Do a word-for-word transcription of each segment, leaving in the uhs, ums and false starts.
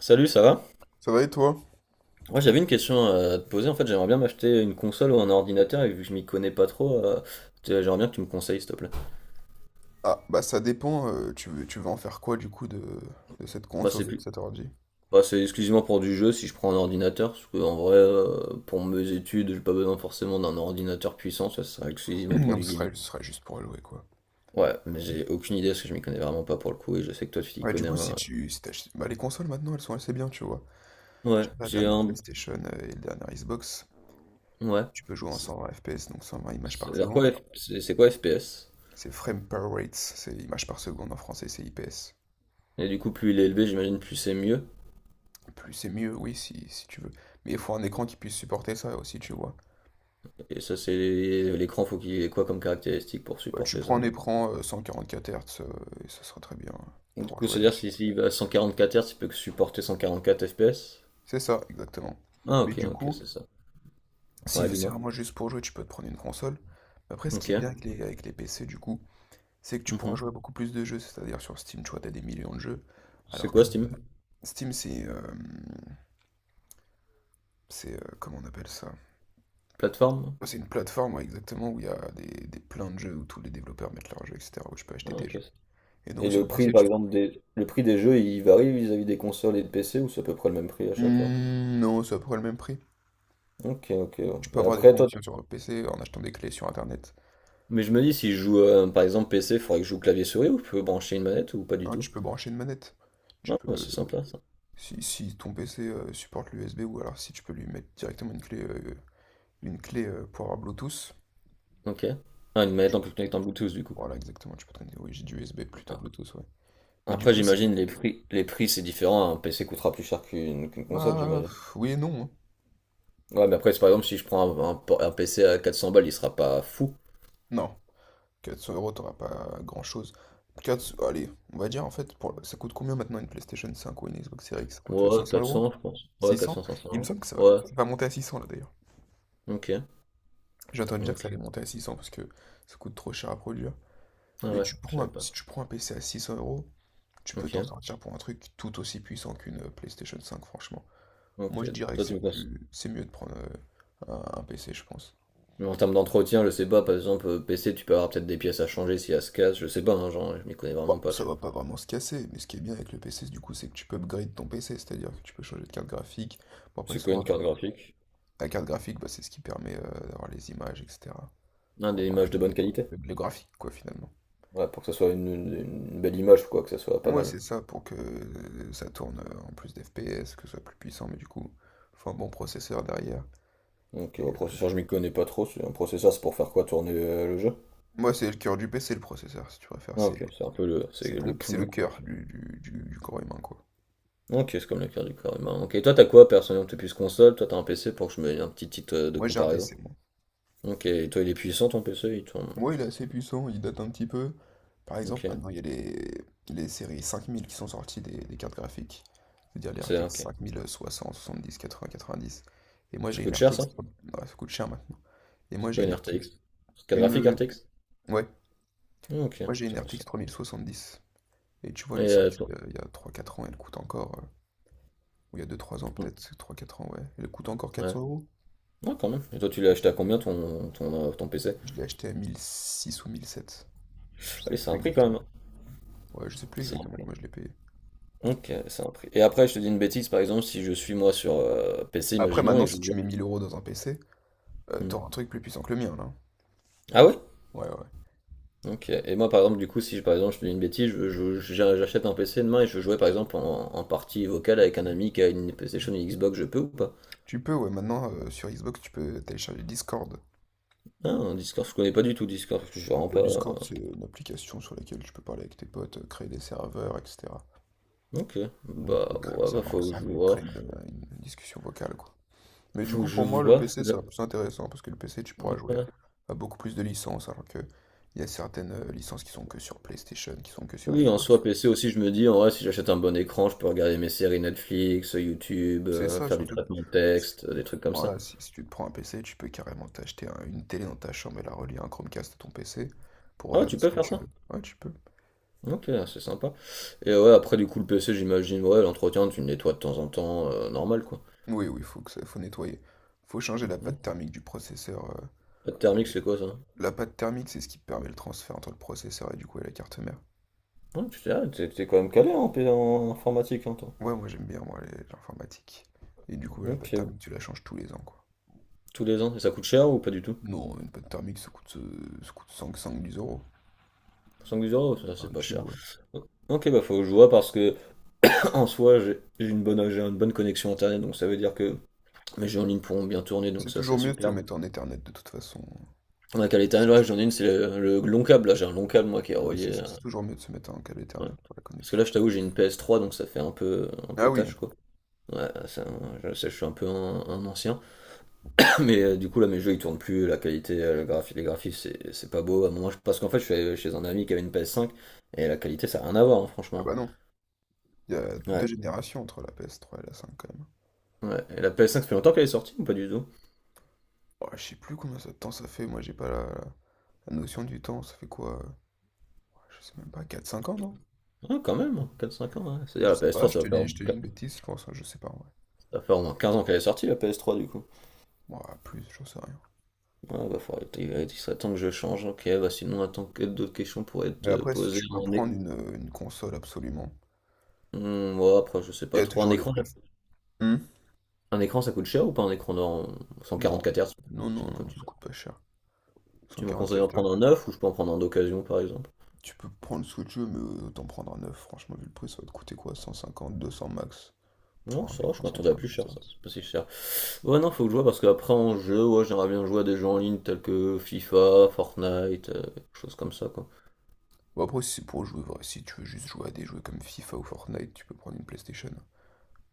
Salut, ça va? Ça va et toi? Moi, j'avais une question euh, à te poser. En fait, j'aimerais bien m'acheter une console ou un ordinateur, et vu que je m'y connais pas trop, euh, t'es- j'aimerais bien que tu me conseilles, s'il te plaît. Ah, bah ça dépend, euh, tu veux, tu veux en faire quoi du coup de, de cette Moi, console c'est ou de plus. cet ordi? Moi, c'est exclusivement pour du jeu si je prends un ordinateur, parce que en vrai, euh, pour mes études, j'ai pas besoin forcément d'un ordinateur puissant, ça sera exclusivement pour Donc du ce gaming. serait, ce serait juste pour allouer quoi. Ouais, mais j'ai aucune idée parce que je m'y connais vraiment pas pour le coup, et je sais que toi, tu t'y Ouais, du connais coup, si un. tu si t'achètes- bah, les consoles maintenant elles sont assez bien, tu vois. Ouais, J'ai la j'ai dernière un. PlayStation euh, et le dernier Xbox, Ouais. tu peux jouer en C'est cent vingt F P S, donc cent vingt images par c'est- alors quoi, seconde. F- c'est c'est quoi F P S? C'est frame per rates, c'est images par seconde en français, c'est I P S. Et du coup, plus il est élevé, j'imagine, plus c'est mieux. Plus c'est mieux, oui, si, si tu veux. Mais il faut un écran qui puisse supporter ça aussi, tu vois. Et ça, c'est l'écran, faut qu'il ait quoi comme caractéristique pour Bah, tu supporter ça, prends un du coup. écran euh, cent quarante-quatre Hz euh, et ça sera très bien Donc, du pour coup, jouer. c'est-à-dire si s'il va à quatre Hz, il peut que supporter cent quarante-quatre F P S. C'est ça, exactement. Ah, Mais ok, du ok, coup, c'est ça. si Ouais, c'est dis-moi. vraiment juste pour jouer, tu peux te prendre une console. Mais après, ce qui Ok. est bien avec les, avec les P C, du coup, c'est que tu pourras Mhm. jouer à beaucoup plus de jeux. C'est-à-dire sur Steam, tu vois, t'as des millions de jeux. C'est Alors que quoi Steam? Steam, c'est... euh, c'est... euh, comment on appelle ça? Plateforme? C'est une plateforme, ouais, exactement, où il y a des, des plein de jeux, où tous les développeurs mettent leurs jeux, et cetera, où tu peux acheter Ah, tes ok. jeux. Et Et donc le sur prix, P C, par tu. exemple, des... le prix des jeux, il varie vis-à-vis des consoles et de P C, ou c'est à peu près le même prix à chaque fois? Hmm, non, c'est à peu près le même prix. Ok, ok. Tu peux Ouais. avoir des Après, toi, promotions tu- sur P C en achetant des clés sur Internet. mais je me dis, si je joue, euh, par exemple, P C, il faudrait que je joue clavier-souris, ou je peux brancher une manette, ou pas du Non, tu tout? peux brancher une manette. Tu Ah, bah, peux. c'est sympa, ça. Si, si ton P C euh, supporte l'U S B ou alors si tu peux lui mettre directement une clé, euh, une clé euh, pour avoir Bluetooth. Ok. Ah, une manette en plus connectée en Bluetooth, du coup. Voilà, exactement, tu peux traîner. Oui, j'ai dit U S B plutôt Bluetooth, ouais. Mais du Après, coup, c'est. j'imagine les prix, les prix c'est différent. Un P C coûtera plus cher qu'une qu'une console, Bah, j'imagine. pff, oui et non. hein. Ouais, mais après, c'est par exemple, si je prends un, un por- un P C à quatre cents balles, il sera pas fou. Non, quatre cents euros, t'auras pas grand-chose. 4... Allez, on va dire en fait, pour, ça coûte combien maintenant une PlayStation cinq ou une Xbox Series X? Ça coûte Ouais, cinq cents euros? quatre cents, je pense. Ouais, six cents? quatre cents, 500 Il me euros. semble que ça va. Ouais, c'est pas monter à six cents là d'ailleurs. ok. J'ai entendu dire que Donc, ça allait monter à six cents parce que ça coûte trop cher à produire. ah Mais ouais, tu je prends savais un- pas. si tu prends un P C à six cents euros, tu peux Ok, t'en sortir pour un truc tout aussi puissant qu'une euh, PlayStation cinq, franchement. Moi, ok. je dirais que Toi, tu c'est me penses. plus, c'est mieux de prendre euh, un, un P C, je pense. Mais en termes d'entretien, je sais pas, par exemple, euh, P C, tu peux avoir peut-être des pièces à changer si elle se casse, je sais pas, hein, genre, je m'y connais vraiment Bon, pas, ça tu vois. va pas vraiment se casser, mais ce qui est bien avec le P C, du coup, c'est que tu peux upgrade ton P C, c'est-à-dire que tu peux changer de carte graphique. Bon, après, C'est quoi souvent, une enfin, carte graphique? la carte graphique, bah, c'est ce qui permet euh, d'avoir les images, et cetera. Ah, Pour des avoir images de bonne qualité. le, le graphique, quoi, finalement. Ouais, pour que ça soit une, une- une belle image, quoi, que ça soit pas Moi, mal. c'est ça pour que euh, ça tourne euh, en plus d'F P S, que ce soit plus puissant, mais du coup, faut un bon processeur derrière. Ok, Et, au euh, processeur, je m'y connais pas trop. c'est- Un processeur, c'est pour faire quoi tourner euh, le jeu? Moi, c'est le cœur du P C, le processeur, si tu préfères. Ah, C'est ok, c'est un peu le, c'est C'est le donc c'est le poumon, quoi. cœur du, du- du- du corps humain, quoi. Ok, c'est comme le cœur du corps humain. Ok, et toi, t'as quoi, personnellement? T'es plus console, toi, t'as un P C pour que je me dise un petit titre euh, de Moi, j'ai un comparaison. P C, moi. Ok, et toi, il est puissant, ton P C, il tourne, Moi, il est euh, assez puissant, il date un petit peu. Par exemple, ok, maintenant, il y a les, les séries cinq mille qui sont sorties des, des cartes graphiques. C'est-à-dire les c'est R T X ok. cinquante soixante, soixante-dix, quatre-vingts, quatre-vingt-dix. Et moi, Ça j'ai une coûte cher, ça? R T X. trois- Ah, ça coûte cher maintenant. Et moi, C'est j'ai quoi une une R T X. R T X? Carte graphique Une... R T X? Ouais. Ok, Moi, j'ai une R T X intéressant. trente soixante-dix. Et tu vois, Et elle est euh, sortie toi- euh, il y a trois quatre ans, elle coûte encore... euh, Ou il y a deux trois ans, peut-être, trois quatre ans, ouais. Elle coûte encore Ouais. quatre cents euros. Ouais, quand même. Et toi, tu l'as acheté à combien ton, ton, euh, ton P C? Je l'ai acheté à mille six ou mille sept. Je sais Ouais, c'est plus un prix quand même, exactement. hein. Ouais, je sais plus C'est un exactement prix. combien je l'ai payé. Ok, c'est un prix. Et après, je te dis une bêtise, par exemple, si je suis moi sur euh, P C, Après, imaginons, et maintenant, que si je tu joue. mets mille euros dans un P C, euh, Hmm. t'auras un truc plus puissant que le mien, là. Ah ouais? Ouais, ouais. Ok. Et moi, par exemple, du coup, si par exemple, je te dis une bêtise, je- je- je- j'achète un P C demain et je jouais par exemple en, en partie vocale avec un ami qui a une PlayStation, une Xbox, je peux ou pas? Tu peux, ouais, maintenant, euh, sur Xbox, tu peux télécharger Discord. Ah, un Discord, je connais pas du tout Discord, parce que je suis vraiment pas, Ouais, Discord, euh, c'est une application sur laquelle tu peux parler avec tes potes, euh, créer des serveurs, et cetera. ok. Donc, on peut Bah, créer un ouais, bah, serveur faut que je ensemble et vois. créer une, euh, une discussion vocale, quoi. Mais du Faut coup, que je pour moi, le vois, parce P C, que là- ça va plus intéressant, parce que le P C, tu pourras jouer ouais. à, à beaucoup plus de licences, alors que il y a certaines euh, licences qui sont que sur PlayStation, qui sont que sur Oui, en Xbox. soi, P C aussi, je me dis, en vrai, si j'achète un bon écran, je peux regarder mes séries Netflix, YouTube, C'est euh, ça, faire du surtout. traitement de texte, euh, des trucs comme ça. Voilà, si, si tu te prends un P C, tu peux carrément t'acheter un- une télé dans ta chambre et la relier à un Chromecast à ton P C pour Ah, regarder tu ce peux que faire tu ça? veux. Ouais, tu peux. Ok, c'est sympa. Et ouais, après, du coup, le P C, j'imagine, ouais, l'entretien, tu le nettoies de temps en temps, euh, normal, quoi. Oui, oui, faut que ça, faut nettoyer. Faut changer la Hmm. pâte thermique du processeur. euh, Pas de thermique, Allez. c'est quoi ça? La pâte thermique, c'est ce qui permet le transfert entre le processeur et du coup et la carte mère. Ouais, tu t'es ah, t'es- t'es quand même calé en, P- en informatique, hein, toi. Ouais, moi j'aime bien moi les- l'informatique. Et du coup, la pâte Ok, thermique, tu la changes tous les ans, quoi. tous les ans. Et ça coûte cher ou pas du tout? Non, une pâte thermique, ça coûte, euh, ça coûte cinq-dix euros. cinq euros, ça, c'est Un pas tube, cher. ouais. Ok, bah faut que je vois parce que en soi j'ai j'ai une bonne j'ai une bonne connexion internet donc ça veut dire que mes jeux en ligne pourront bien tourner donc C'est ça c'est toujours mieux de se superbe. mettre en Ethernet de toute façon. La qualité Si. internet, ouais, j'en ai une c'est le, le long câble là j'ai un long câble moi qui est Ouais, c'est relié. ça, c'est toujours mieux de se mettre en câble Ouais. Ethernet pour la Parce que connexion. là, je t'avoue, j'ai une P S trois, donc ça fait un peu, un Ah peu oui, tâche, quoi. Ouais, ça, je sais, je suis un peu un, un ancien. Mais euh, du coup, là, mes jeux, ils tournent plus. La qualité, euh, le graphi- les graphismes, c'est c'est pas beau. À un moment, je- parce qu'en fait, je suis allé chez un ami qui avait une P S cinq, et la qualité, ça a rien à voir, hein, ah franchement. bah non, il y a Ouais, deux générations entre la P S trois et la cinq quand même. ouais. Et la P S cinq, ça fait longtemps qu'elle est sortie ou pas du tout? Oh, je sais plus combien de temps ça fait, moi j'ai pas la, la notion du temps, ça fait quoi? euh, Je sais même pas, quatre cinq ans, non? Ah, quand même, hein, quatre à cinq ans, ouais. C'est-à-dire, Je la sais pas, P S trois, je ça te va faire au dis, je moins te dis quin- une bêtise, je pense, je sais pas ouais vrai. ça va faire au moins quinze ans qu'elle est sortie, la P S trois, du coup. Moi, plus, j'en sais rien. Ouais, bah, faudrait- il il serait temps que je change. Ok, bah, sinon, attends, que d'autres questions pourraient être Mais euh, après, si posées tu veux en. prendre une, euh, une console absolument, Hum, ouais, après, je sais il y pas a trop. Un toujours les écran, préf. Hmm. un écran, ça coûte cher ou pas un écran en Non, quatre Hz? non, non, Sinon, comme non, tu ça veux. coûte pas cher. Tu m'en conseilles d'en cent quarante-quatre. prendre un neuf ou je peux en prendre un d'occasion, par exemple? Tu peux prendre ce que tu veux, mais autant prendre un neuf. Franchement, vu le prix, ça va te coûter quoi? cent cinquante, deux cents max pour Non, un ça, va, je écran m'attendais à plus cent quarante-quatre cher, ça. Hz. C'est pas si cher. Ouais, non, faut que je vois parce qu'après, en jeu, ouais, j'aimerais bien jouer à des jeux en ligne tels que FIFA, Fortnite, euh, choses comme ça, quoi. Bon, après, si c'est pour jouer, vrai, si tu veux juste jouer à des jeux comme FIFA ou Fortnite, tu peux prendre une PlayStation.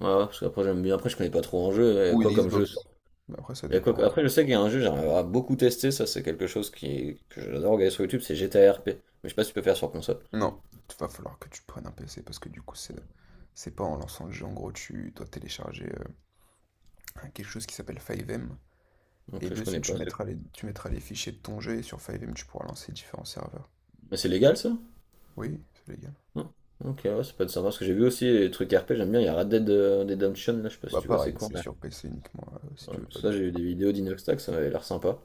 Ouais, parce qu'après, j'aime bien. Après, je connais pas trop en jeu. Il y a Ou une quoi comme jeu? Sur- Xbox. Mais après, ça il y a quoi que- dépend. hein. Après, je sais qu'il y a un jeu, j'aimerais à beaucoup tester, ça, c'est quelque chose qui... que j'adore regarder sur YouTube, c'est G T A R P. Mais je sais pas si tu peux faire sur console. Non, il va falloir que tu prennes un P C parce que du coup, c'est c'est pas en lançant le jeu. En gros, tu dois télécharger euh, quelque chose qui s'appelle five M. Et Donc, je dessus, connais tu pas. c'est- mettras les, tu mettras les fichiers de ton jeu et sur five M, tu pourras lancer différents serveurs. Mais c'est légal, ça? Oui, c'est légal. Hmm. Ok, ouais, ça peut être sympa parce que j'ai vu aussi les trucs R P, j'aime bien. Il y a Red Dead euh, Redemption, là, je sais pas si Bah tu vois, c'est pareil, quoi, c'est mais- sur P C uniquement euh, si ouais. tu veux faire des Ça, j'ai trucs. vu des vidéos d'Inoxtag, ça m'avait l'air sympa.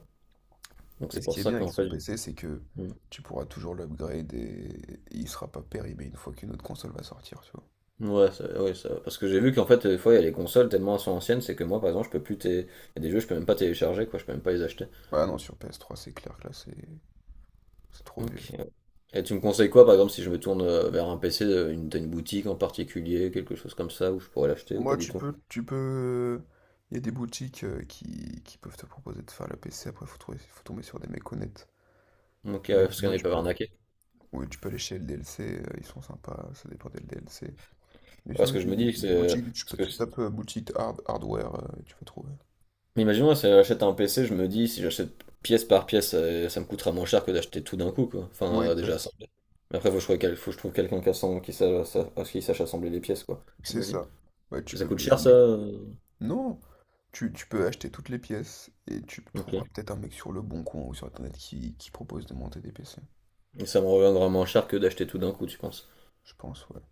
Donc Et c'est ce pour qui est ça bien avec qu'en son fait. j'ai- P C, c'est que Hmm. tu pourras toujours l'upgrade et... et il sera pas périmé une fois qu'une autre console va sortir, tu vois. Ouais, ça, ouais, ça- parce que j'ai vu qu'en fait, des fois, il y a les consoles tellement elles sont anciennes, c'est que moi, par exemple, je peux plus. té- Il y a des jeux, je peux même pas télécharger, quoi, je peux même pas les acheter. Ah non, sur P S trois, c'est clair que là, c'est c'est trop vieux. Ok. Et tu me conseilles quoi, par exemple, si je me tourne euh, vers un P C, euh, une, t'as une boutique en particulier, quelque chose comme ça, où je pourrais l'acheter Ouais. ou pas Moi, du tu tout? peux, tu peux. Il y a des boutiques euh, qui, qui peuvent te proposer de faire le P C. Après, faut trouver, faut tomber sur des mecs honnêtes. Ok, ouais, Mais parce qu'on sinon, n'est tu pas peux, arnaqué. oui, tu peux aller chez L D L C. euh, Ils sont sympas. Ça dépend des L D L C. Mais Parce sinon, que il je y me a dis que des, des c'est. euh, boutiques. Tu, Parce peux- tu que. tapes euh, boutique hard, hardware euh, et tu vas trouver. Mais imaginons, là, si j'achète un P C, je me dis, si j'achète pièce par pièce, euh, ça me coûtera moins cher que d'acheter tout d'un coup, quoi. Enfin, Ouais, euh, déjà exact. assemblé. Mais après, faut que je trouve, quel- faut que je trouve quelqu'un qui, assemble- qui, sa- sa- qui sache assembler les pièces, quoi. C'est J'imagine. ça. Ouais, tu Ça peux coûte payer cher, un ça? mec. euh, Non, tu, tu peux acheter toutes les pièces et tu trouveras Ok. peut-être un mec sur le Bon Coin ou sur Internet qui, qui propose de monter des P C. Et ça me reviendra moins cher que d'acheter tout d'un coup, tu penses? Je pense, ouais.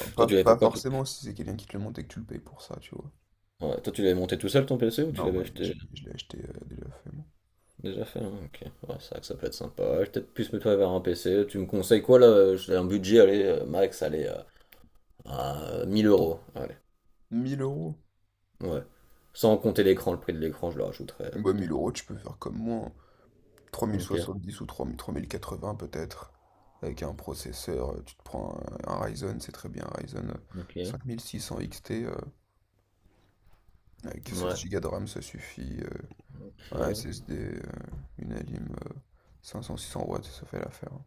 Enfin, Toi, pas, tu l'avais pas fait quoi? tu- forcément si c'est quelqu'un qui te le monte et que tu le payes pour ça, tu vois. Ouais, toi, tu l'avais monté tout seul, ton P C, ou tu Non, l'avais moi, je, acheté l'ai je l'ai acheté euh, déjà fait, moi. déjà fait, hein? Ok. Ouais, c'est vrai que ça peut être sympa. Ouais, je vais peut-être plus me tourner vers un P C. Tu me conseilles quoi, là? J'ai un budget, allez, euh, max, allez, euh, à mille euros. Allez. mille euros. Ouais. Sans compter l'écran, le prix de l'écran, je le rajouterai euh, Bah, plus tard. mille euros, tu peux faire comme moi. Ok, hein. Dix ou trois trois mille trois mille quatre-vingts peut-être. Avec un processeur, euh, tu te prends un, un Ryzen, c'est très bien, un Ryzen euh, ok, cinquante-six cents X T. Euh, avec ouais, seize Go de RAM, ça suffit. euh, Un ok, S S D, euh, une Alim euh, 500-600 watts, ça fait l'affaire. hein.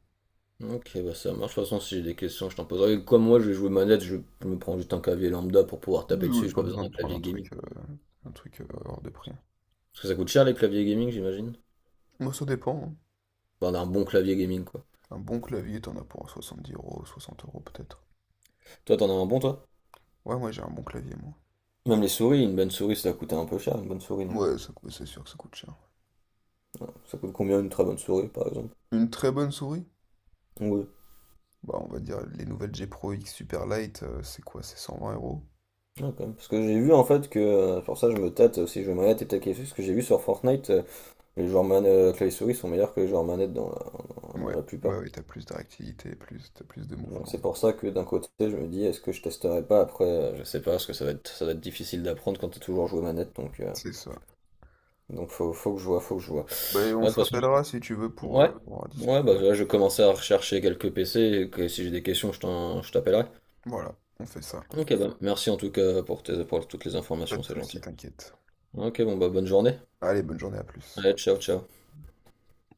ok, bah ça marche. De toute façon, si j'ai des questions, je t'en poserai. Comme moi, je vais jouer manette, je, je me prends juste un clavier lambda pour pouvoir Oui, taper oui, dessus, j'ai pas pas besoin besoin de d'un prendre clavier un gaming. truc, euh, un truc euh, hors de prix. hein. Parce que ça coûte cher les claviers gaming, j'imagine. Moi, ça dépend. hein. Enfin, d'un bon clavier gaming, quoi. Un bon clavier, t'en as pour soixante-dix euros, soixante euros peut-être. Toi, t'en as un bon, toi? Ouais, moi, j'ai un bon clavier, moi. Même les souris, une bonne souris, ça coûte un peu cher, une bonne souris, non? Ouais, ça coûte- c'est sûr que ça coûte cher. Ça coûte combien une très bonne souris, par exemple? Une très bonne souris? Oui, Bah, on va dire les nouvelles G Pro X Super Light, euh, c'est quoi? C'est cent vingt euros? ah, quand même. Parce que j'ai vu en fait que, euh, pour ça, je me tâte aussi, je vais manette et peut-être quelque chose, parce que j'ai vu sur Fortnite, les joueurs manettes clavier souris sont meilleurs que les joueurs manettes dans la, dans Ouais, la plupart. bah oui, t'as plus de réactivité, plus, t'as plus de Donc mouvement. c'est pour ça que d'un côté, je me dis, est-ce que je testerai pas après, euh, je sais pas, parce que ça va être, ça va être difficile d'apprendre quand t'as toujours joué manette, donc, euh, C'est ça. donc faut, faut que je vois, faut que je vois. Bah, et on Ouais, de toute se façon, rappellera si tu veux je- pour, ouais, euh, pour en ouais, bah discuter. là, je vais commencer à rechercher quelques P C, et que si j'ai des questions, je t'en- je t'appellerai. Voilà, on fait ça. Ok, bah, merci en tout cas pour tes, pour toutes les Pas informations, de c'est gentil. souci, t'inquiète. Ok, bon, bah, bonne journée. Allez, bonne journée, à plus. Allez, ciao, ciao.